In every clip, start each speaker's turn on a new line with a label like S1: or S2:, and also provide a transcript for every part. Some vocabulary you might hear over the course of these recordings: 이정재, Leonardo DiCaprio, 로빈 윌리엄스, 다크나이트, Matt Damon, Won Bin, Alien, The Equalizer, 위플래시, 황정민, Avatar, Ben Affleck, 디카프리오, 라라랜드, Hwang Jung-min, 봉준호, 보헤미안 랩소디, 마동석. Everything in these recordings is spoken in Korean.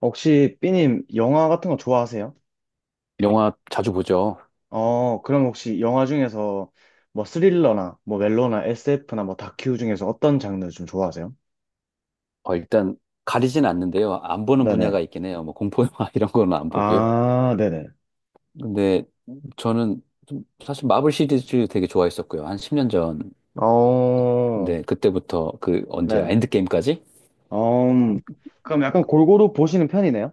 S1: 혹시 삐님 영화 같은 거 좋아하세요?
S2: 영화 자주 보죠.
S1: 어, 그럼 혹시 영화 중에서 뭐 스릴러나 뭐 멜로나 SF나 뭐 다큐 중에서 어떤 장르 좀 좋아하세요?
S2: 일단 가리진 않는데요. 안 보는
S1: 네네.
S2: 분야가 있긴 해요. 뭐 공포 영화 이런 거는 안 보고요.
S1: 아, 네네.
S2: 근데 저는 좀 사실 마블 시리즈 되게 좋아했었고요. 한 10년 전.
S1: 어,
S2: 근데 그때부터 그 언제
S1: 네네.
S2: 엔드게임까지?
S1: 어, 그럼 약간 골고루 보시는 편이네요?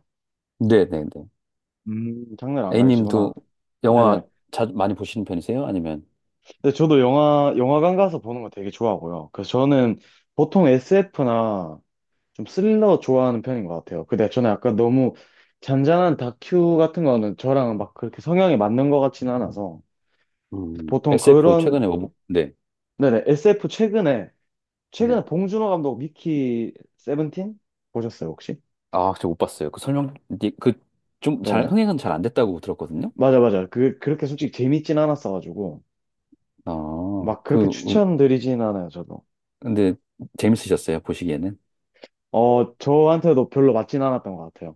S2: 네네네.
S1: 장르를 안
S2: A님도
S1: 가리시구나.
S2: 영화
S1: 네네.
S2: 자 많이 보시는 편이세요? 아니면.
S1: 근데 저도 영화, 영화관 가서 보는 거 되게 좋아하고요. 그래서 저는 보통 SF나 좀 스릴러 좋아하는 편인 것 같아요. 근데 저는 약간 너무 잔잔한 다큐 같은 거는 저랑 막 그렇게 성향이 맞는 것 같지는 않아서 보통
S2: SF
S1: 그런,
S2: 최근에 뭐, 네.
S1: 네네, SF 최근에
S2: 네.
S1: 최근에 봉준호 감독 미키 세븐틴 보셨어요 혹시?
S2: 아, 저 못 봤어요. 그 설명 그 좀 잘
S1: 네네.
S2: 흥행은 잘 안 됐다고 들었거든요.
S1: 맞아, 맞아. 그 그렇게 솔직히 재밌진 않았어가지고
S2: 아,
S1: 막
S2: 그
S1: 그렇게
S2: 우-.
S1: 추천드리진 않아요, 저도.
S2: 근데 재밌으셨어요? 보시기에는?
S1: 어, 저한테도 별로 맞진 않았던 것 같아요.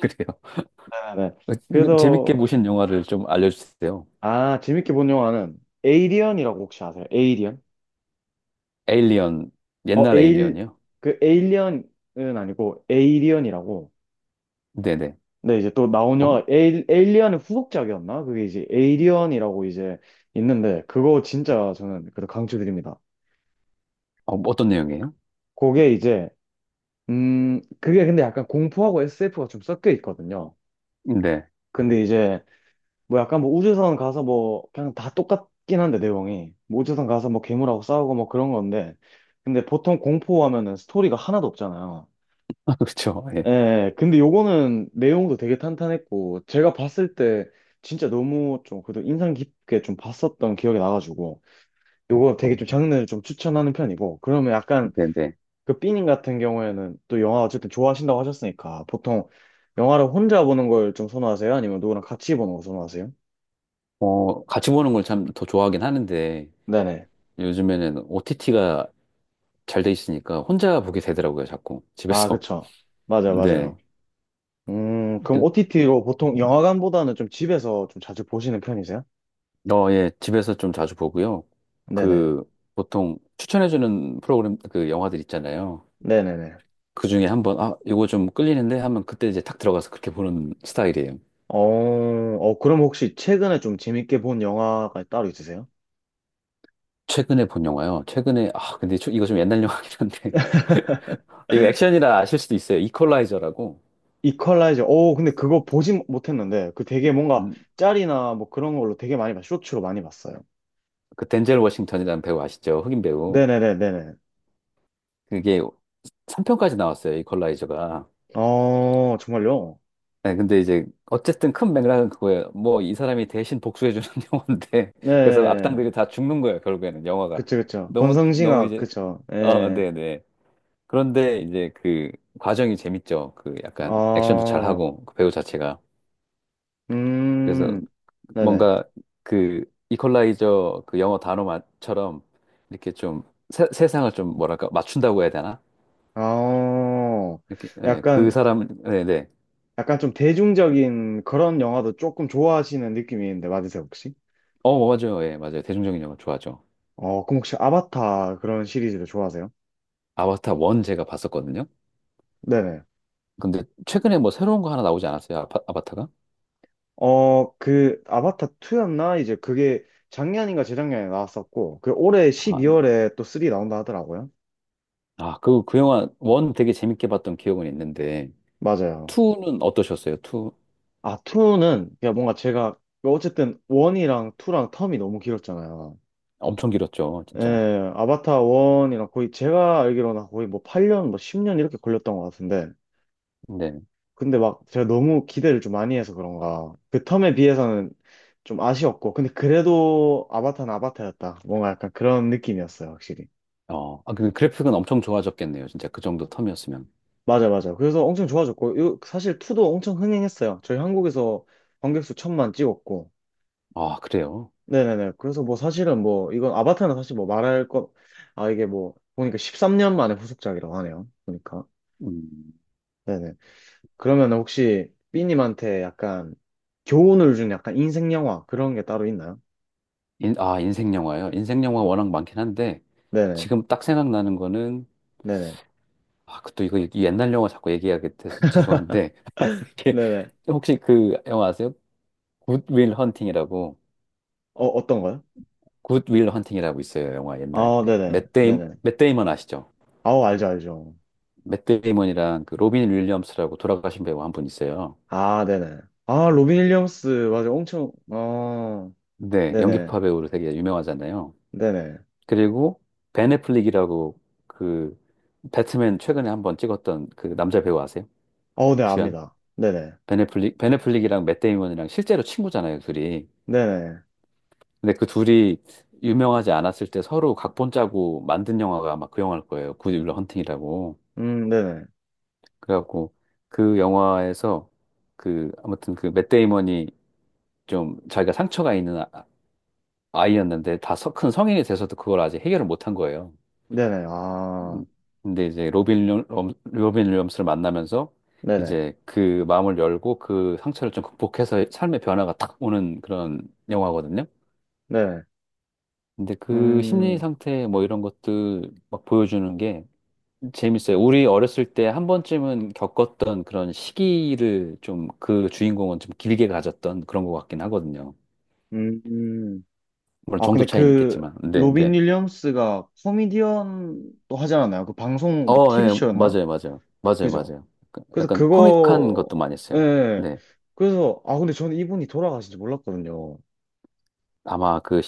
S2: 그래요.
S1: 네네. 그래서,
S2: 재밌게 보신 영화를 좀 알려주세요.
S1: 아, 재밌게 본 영화는 에이리언이라고 혹시 아세요? 에이리언?
S2: 에일리언,
S1: 어,
S2: 옛날 에일리언이요?
S1: 그 에일리언은 아니고 에이리언이라고.
S2: 네네.
S1: 네, 이제 또 나온
S2: 어,
S1: 영화, 에일리언의 후속작이었나? 그게 이제 에이리언이라고 이제 있는데, 그거 진짜 저는 그래도 강추드립니다.
S2: 떤 내용이에요?
S1: 그게 이제, 그게 근데 약간 공포하고 SF가 좀 섞여 있거든요.
S2: 네.
S1: 근데 이제 뭐 약간, 뭐 우주선 가서 뭐 그냥 다 똑같긴 한데, 내용이 뭐 우주선 가서 뭐 괴물하고 싸우고 뭐 그런 건데, 근데 보통 공포하면은 스토리가 하나도 없잖아요.
S2: 아, 그렇죠. 예.
S1: 예, 근데 요거는 내용도 되게 탄탄했고, 제가 봤을 때 진짜 너무 좀 그래도 인상 깊게 좀 봤었던 기억이 나가지고, 요거 되게
S2: 어,
S1: 좀 장르를 좀 추천하는 편이고, 그러면 약간
S2: 네네.
S1: 그 삐님 같은 경우에는 또 영화 어쨌든 좋아하신다고 하셨으니까, 보통 영화를 혼자 보는 걸 좀 선호하세요? 아니면 누구랑 같이 보는 걸 선호하세요?
S2: 같이 보는 걸 참 더 좋아하긴 하는데,
S1: 네네.
S2: 요즘에는 OTT가 잘 돼 있으니까 혼자 보게 되더라고요, 자꾸.
S1: 아,
S2: 집에서.
S1: 그쵸. 맞아요,
S2: 네.
S1: 맞아요. 그럼
S2: 네.
S1: OTT로 보통 영화관보다는 좀 집에서 좀 자주 보시는 편이세요?
S2: 예. 집에서 좀 자주 보고요.
S1: 네네.
S2: 그, 보통 추천해주는 프로그램, 그 영화들 있잖아요.
S1: 네네네.
S2: 그 중에 한번, 아, 이거 좀 끌리는데 하면 그때 이제 탁 들어가서 그렇게 보는 스타일이에요.
S1: 어, 어, 그럼 혹시 최근에 좀 재밌게 본 영화가 따로 있으세요?
S2: 최근에 본 영화요. 최근에, 아, 근데 저- 이거 좀 옛날 영화긴 한데. 이거 액션이라 아실 수도 있어요. 이퀄라이저라고.
S1: 이퀄라이저. 어, 근데 그거 보진 못했는데, 그 되게 뭔가
S2: 음,
S1: 짤이나 뭐 그런 걸로 되게 많이 봤, 쇼츠로 많이 봤어요.
S2: 그 덴젤 워싱턴이라는 배우 아시죠? 흑인 배우.
S1: 네네네네네.
S2: 그게 3편까지 나왔어요. 이퀄라이저가.
S1: 어, 정말요?
S2: 네, 근데 이제 어쨌든 큰 맥락은 그거예요. 뭐 이 사람이 대신 복수해주는 영화인데. 그래서
S1: 네.
S2: 악당들이 다 죽는 거예요. 결국에는 영화가.
S1: 그쵸, 그쵸.
S2: 너무, 너무
S1: 권성징악,
S2: 이제,
S1: 그쵸. 예.
S2: 네네. 그런데 이제 그 과정이 재밌죠. 그 약간 액션도
S1: 아,
S2: 잘하고 그 배우 자체가. 그래서
S1: 음, 네네.
S2: 뭔가 그 이퀄라이저 그 영어 단어처럼 이렇게 좀 세상을 좀 뭐랄까 맞춘다고 해야 되나?
S1: 아,
S2: 이렇게 예, 그
S1: 약간,
S2: 사람 네네.
S1: 약간 좀 대중적인 그런 영화도 조금 좋아하시는 느낌이 있는데, 맞으세요, 혹시?
S2: 어 어, 맞아요. 예, 맞아요. 대중적인 영화 좋아하죠.
S1: 어, 그럼 혹시 아바타 그런 시리즈도 좋아하세요?
S2: 아바타 1 제가 봤었거든요.
S1: 네네.
S2: 근데 최근에 뭐 새로운 거 하나 나오지 않았어요? 아바타가?
S1: 어, 그 아바타 2였나? 이제 그게 작년인가 재작년에 나왔었고, 그 올해
S2: 아,
S1: 12월에 또 3 나온다 하더라고요.
S2: 그 영화 1 되게 재밌게 봤던 기억은 있는데
S1: 맞아요.
S2: 2는 어떠셨어요? 2
S1: 아, 2는 그냥 뭔가 제가 어쨌든 1이랑 2랑 텀이 너무 길었잖아요.
S2: 엄청 길었죠, 진짜.
S1: 예, 아바타 1이랑 거의 제가 알기로는 거의 뭐 8년, 뭐 10년 이렇게 걸렸던 것 같은데,
S2: 네.
S1: 근데 막 제가 너무 기대를 좀 많이 해서 그런가. 그 텀에 비해서는 좀 아쉬웠고. 근데 그래도 아바타는 아바타였다. 뭔가 약간 그런 느낌이었어요, 확실히.
S2: 아, 그 그래픽은 엄청 좋아졌겠네요. 진짜 그 정도 텀이었으면.
S1: 맞아, 맞아. 그래서 엄청 좋아졌고. 이거 사실 2도 엄청 흥행했어요. 저희 한국에서 관객수 천만 찍었고.
S2: 아, 그래요?
S1: 네네네. 그래서 뭐 사실은 뭐, 이건 아바타는 사실 뭐 말할 것, 아, 이게 뭐, 보니까 13년 만에 후속작이라고 하네요. 보니까.
S2: 음.
S1: 네네. 그러면 혹시 삐님한테 약간 교훈을 준 약간 인생 영화 그런 게 따로 있나요?
S2: 인생 영화요? 인생 영화 워낙 많긴 한데,
S1: 네네.
S2: 지금 딱 생각나는 거는,
S1: 네네.
S2: 아, 그 또 이거 이 옛날 영화 자꾸 얘기하게 돼서 죄송한데, 이게
S1: 네네.
S2: 혹시 그 영화 아세요? 굿윌 헌팅이라고,
S1: 어, 어떤 거요?
S2: 굿윌 헌팅이라고 있어요. 영화 옛날에.
S1: 아, 네네.
S2: 맷 데이,
S1: 네네.
S2: 맷 데이먼 아시죠?
S1: 아우, 알죠, 알죠.
S2: 맷 데이먼이랑 그 로빈 윌리엄스라고 돌아가신 배우 한 분 있어요.
S1: 아, 네네. 아, 로빈 윌리엄스, 맞아. 엄청, 아,
S2: 네,
S1: 네네.
S2: 연기파 배우로 되게 유명하잖아요.
S1: 네네.
S2: 그리고 벤 애플릭이라고 그 배트맨 최근에 한번 찍었던 그 남자 배우 아세요?
S1: 어, 네,
S2: 주연?
S1: 압니다. 네네.
S2: 벤 애플릭이랑 맷 데이먼이랑 실제로 친구잖아요, 둘이.
S1: 네네.
S2: 근데 그 둘이 유명하지 않았을 때 서로 각본 짜고 만든 영화가 아마 그 영화일 거예요. 굿 윌러 헌팅이라고.
S1: 네네.
S2: 그래갖고 그 영화에서 그 아무튼 그 맷 데이먼이 좀 자기가 상처가 있는 아이였는데 다 큰 성인이 돼서도 그걸 아직 해결을 못한 거예요.
S1: 네네. 아,
S2: 음, 근데 이제 로빈 윌리엄스를 만나면서
S1: 네네.
S2: 이제 그 마음을 열고 그 상처를 좀 극복해서 삶의 변화가 탁 오는 그런 영화거든요.
S1: 네네.
S2: 근데 그 심리
S1: 음,
S2: 상태 뭐 이런 것들 막 보여주는 게 재밌어요. 우리 어렸을 때 한 번쯤은 겪었던 그런 시기를 좀 그 주인공은 좀 길게 가졌던 그런 것 같긴 하거든요.
S1: 음.
S2: 물론
S1: 아,
S2: 정도
S1: 근데
S2: 차이는
S1: 그,
S2: 있겠지만. 네,
S1: 로빈
S2: 네.
S1: 윌리엄스가 코미디언도 하지 않았나요? 그 방송, 뭐,
S2: 예,
S1: TV쇼였나?
S2: 맞아요, 맞아요. 맞아요,
S1: 그죠?
S2: 맞아요. 약간,
S1: 그래서
S2: 약간 코믹한
S1: 그거,
S2: 것도 많이 써요.
S1: 예.
S2: 네.
S1: 그래서, 아, 근데 저는 이분이 돌아가신지 몰랐거든요.
S2: 아마 그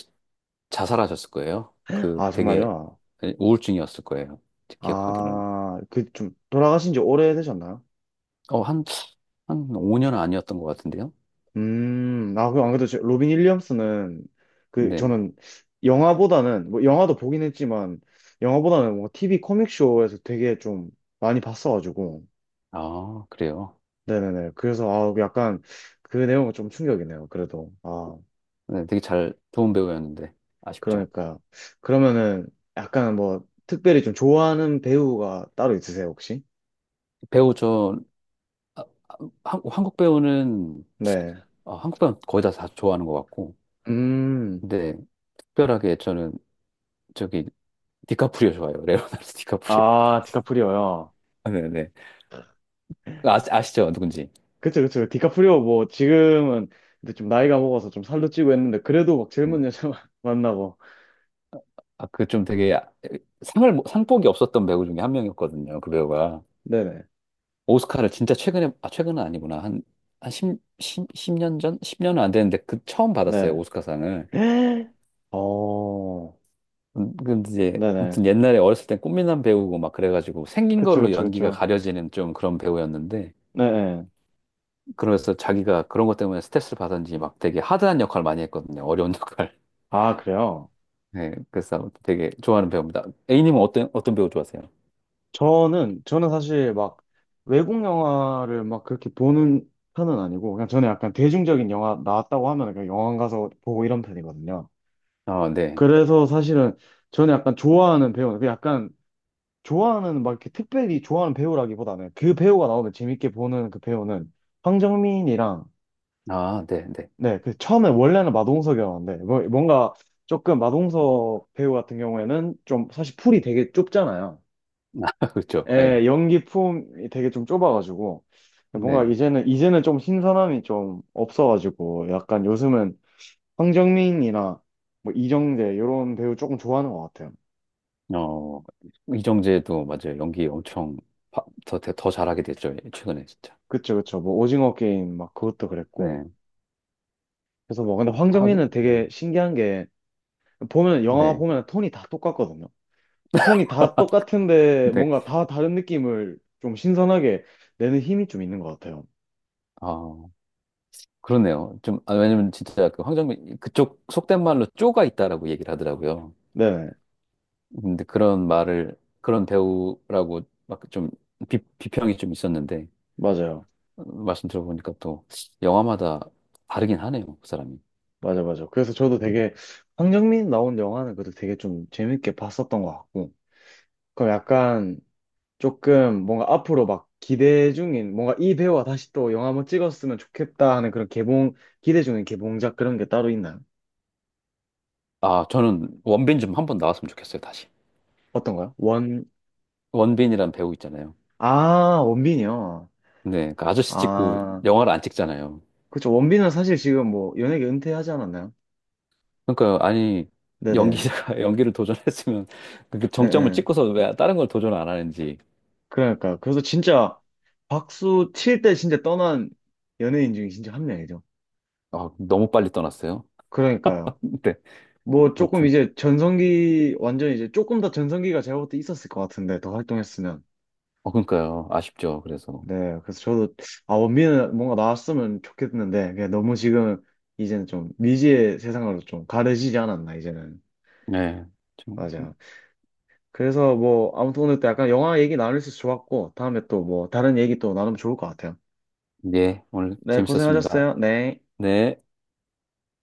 S2: 자살하셨을 거예요. 그
S1: 아,
S2: 되게
S1: 정말요?
S2: 우울증이었을 거예요. 기억하기로는.
S1: 아, 그 좀, 돌아가신 지 오래되셨나요?
S2: 어, 한, 한 5년 아니었던 것 같은데요.
S1: 아, 그, 안 그래도 저- 로빈 윌리엄스는, 그,
S2: 네.
S1: 저는 영화보다는, 뭐, 영화도 보긴 했지만, 영화보다는 뭐, TV 코믹쇼에서 되게 좀 많이 봤어가지고,
S2: 아, 그래요.
S1: 네네네. 그래서, 아, 약간, 그 내용은 좀 충격이네요, 그래도. 아.
S2: 네, 되게 잘, 좋은 배우였는데. 아쉽죠.
S1: 그러니까 그러면은 약간 뭐 특별히 좀 좋아하는 배우가 따로 있으세요, 혹시?
S2: 배우 저, 아, 한국 배우는,
S1: 네.
S2: 아, 한국 배우는 거의 다 좋아하는 것 같고.
S1: 음.
S2: 근데 특별하게 저는 저기, 디카프리오 좋아해요. 레오나르도 디카프리오.
S1: 아, 디카프리오요.
S2: 네네. 아, 아시죠? 누군지.
S1: 그쵸, 그쵸. 디카프리오 뭐 지금은 근데 좀 나이가 먹어서 좀 살도 찌고 했는데 그래도 막
S2: 음.
S1: 젊은 여자 만나고.
S2: 아, 그 좀 되게 아, 상을, 뭐, 상복이 없었던 배우 중에 한 명이었거든요. 그 배우가.
S1: 네네.
S2: 오스카를 진짜 최근에, 아, 최근은 아니구나. 한 10, 십십 년 전? 10년은 안 되는데, 그 처음 받았어요,
S1: 네.
S2: 오스카상을.
S1: 어.
S2: 근데 이제, 아무튼
S1: 네네.
S2: 옛날에 어렸을 땐 꽃미남 배우고 막 그래가지고 생긴
S1: 그쵸,
S2: 걸로
S1: 그쵸,
S2: 연기가
S1: 그쵸.
S2: 가려지는 좀 그런 배우였는데,
S1: 네네.
S2: 그래서 자기가 그런 것 때문에 스트레스를 받은지 막 되게 하드한 역할 많이 했거든요. 어려운 역할.
S1: 아, 그래요?
S2: 네, 그래서 되게 좋아하는 배우입니다. A님은 어떤 배우 좋아하세요?
S1: 저는, 저는 사실 막 외국 영화를 막 그렇게 보는 편은 아니고, 그냥 저는 약간 대중적인 영화 나왔다고 하면 그냥 영화관 가서 보고 이런 편이거든요.
S2: 아, 네.
S1: 그래서 사실은 저는 약간 좋아하는 배우는, 그 약간 좋아하는 막 이렇게 특별히 좋아하는 배우라기보다는 그 배우가 나오면 재밌게 보는 그 배우는 황정민이랑,
S2: 아, 네, 네.
S1: 네, 그 처음에 원래는 마동석이었는데, 뭐- 뭔가 조금 마동석 배우 같은 경우에는 좀 사실 풀이 되게 좁잖아요.
S2: 그렇죠. 예.
S1: 예, 연기 품이 되게 좀 좁아가지고 뭔가
S2: 네.
S1: 이제는 좀 신선함이 좀 없어가지고 약간 요즘은 황정민이나 뭐 이정재 이런 배우 조금 좋아하는 것 같아요.
S2: 어, 이정재도 맞아요. 연기 엄청 더 잘하게 됐죠. 예, 최근에 진짜.
S1: 그쵸, 그쵸. 뭐 오징어 게임 막 그것도 그랬고,
S2: 네.
S1: 그래서 뭐 근데
S2: 아, 하긴,
S1: 황정민은
S2: 네.
S1: 되게 신기한 게 보면, 영화
S2: 네.
S1: 보면 톤이 다 똑같거든요. 톤이 다 똑같은데
S2: 네.
S1: 뭔가 다 다른 느낌을 좀 신선하게 내는 힘이 좀 있는 것 같아요.
S2: 아, 그러네요. 좀, 아, 왜냐면 진짜 그 황정민, 그쪽 속된 말로 쪼가 있다라고 얘기를 하더라고요.
S1: 네,
S2: 근데 그런 말을, 그런 배우라고 막 좀 비평이 좀 있었는데,
S1: 맞아요.
S2: 말씀 들어보니까 또 영화마다 다르긴 하네요. 그 사람이.
S1: 맞아, 맞아. 그래서 저도 되게 황정민 나온 영화는 그래도 되게 좀 재밌게 봤었던 것 같고. 그럼 약간 조금 뭔가 앞으로 막 기대 중인 뭔가 이 배우가 다시 또 영화 한번 찍었으면 좋겠다 하는 그런 개봉, 기대 중인 개봉작 그런 게 따로 있나요?
S2: 아, 저는 원빈 좀 한 번 나왔으면 좋겠어요. 다시.
S1: 어떤가요? 원,
S2: 원빈이란 배우 있잖아요.
S1: 아, 원빈이요.
S2: 네, 그러니까 아저씨 찍고
S1: 아,
S2: 영화를 안 찍잖아요.
S1: 그쵸. 원빈은 사실 지금 뭐 연예계 은퇴하지 않았나요?
S2: 그러니까 아니
S1: 네네.
S2: 연기자가 연기를 도전했으면 그
S1: 예,
S2: 정점을
S1: 예.
S2: 찍고서 왜 다른 걸 도전 안 하는지.
S1: 그러니까. 그래서 진짜 박수 칠 때 진짜 떠난 연예인 중에 진짜 한 명이죠.
S2: 아, 너무 빨리 떠났어요.
S1: 그러니까요.
S2: 네,
S1: 뭐 조금
S2: 아무튼
S1: 이제 전성기 완전히 이제 조금 더 전성기가 제가 볼 때 있었을 것 같은데 더 활동했으면.
S2: 그러니까요 아쉽죠. 그래서
S1: 네, 그래서 저도, 아 원빈은 뭔가 나왔으면 좋겠는데 그냥 너무 지금 이제는 좀 미지의 세상으로 좀 가려지지 않았나 이제는.
S2: 네, 좀,
S1: 맞아. 그래서 뭐 아무튼 오늘 또 약간 영화 얘기 나눌 수 있어서 좋았고, 다음에 또 뭐 다른 얘기 또 나누면 좋을 것 같아요.
S2: 네 오늘
S1: 네,
S2: 재밌었습니다.
S1: 고생하셨어요. 네.
S2: 네.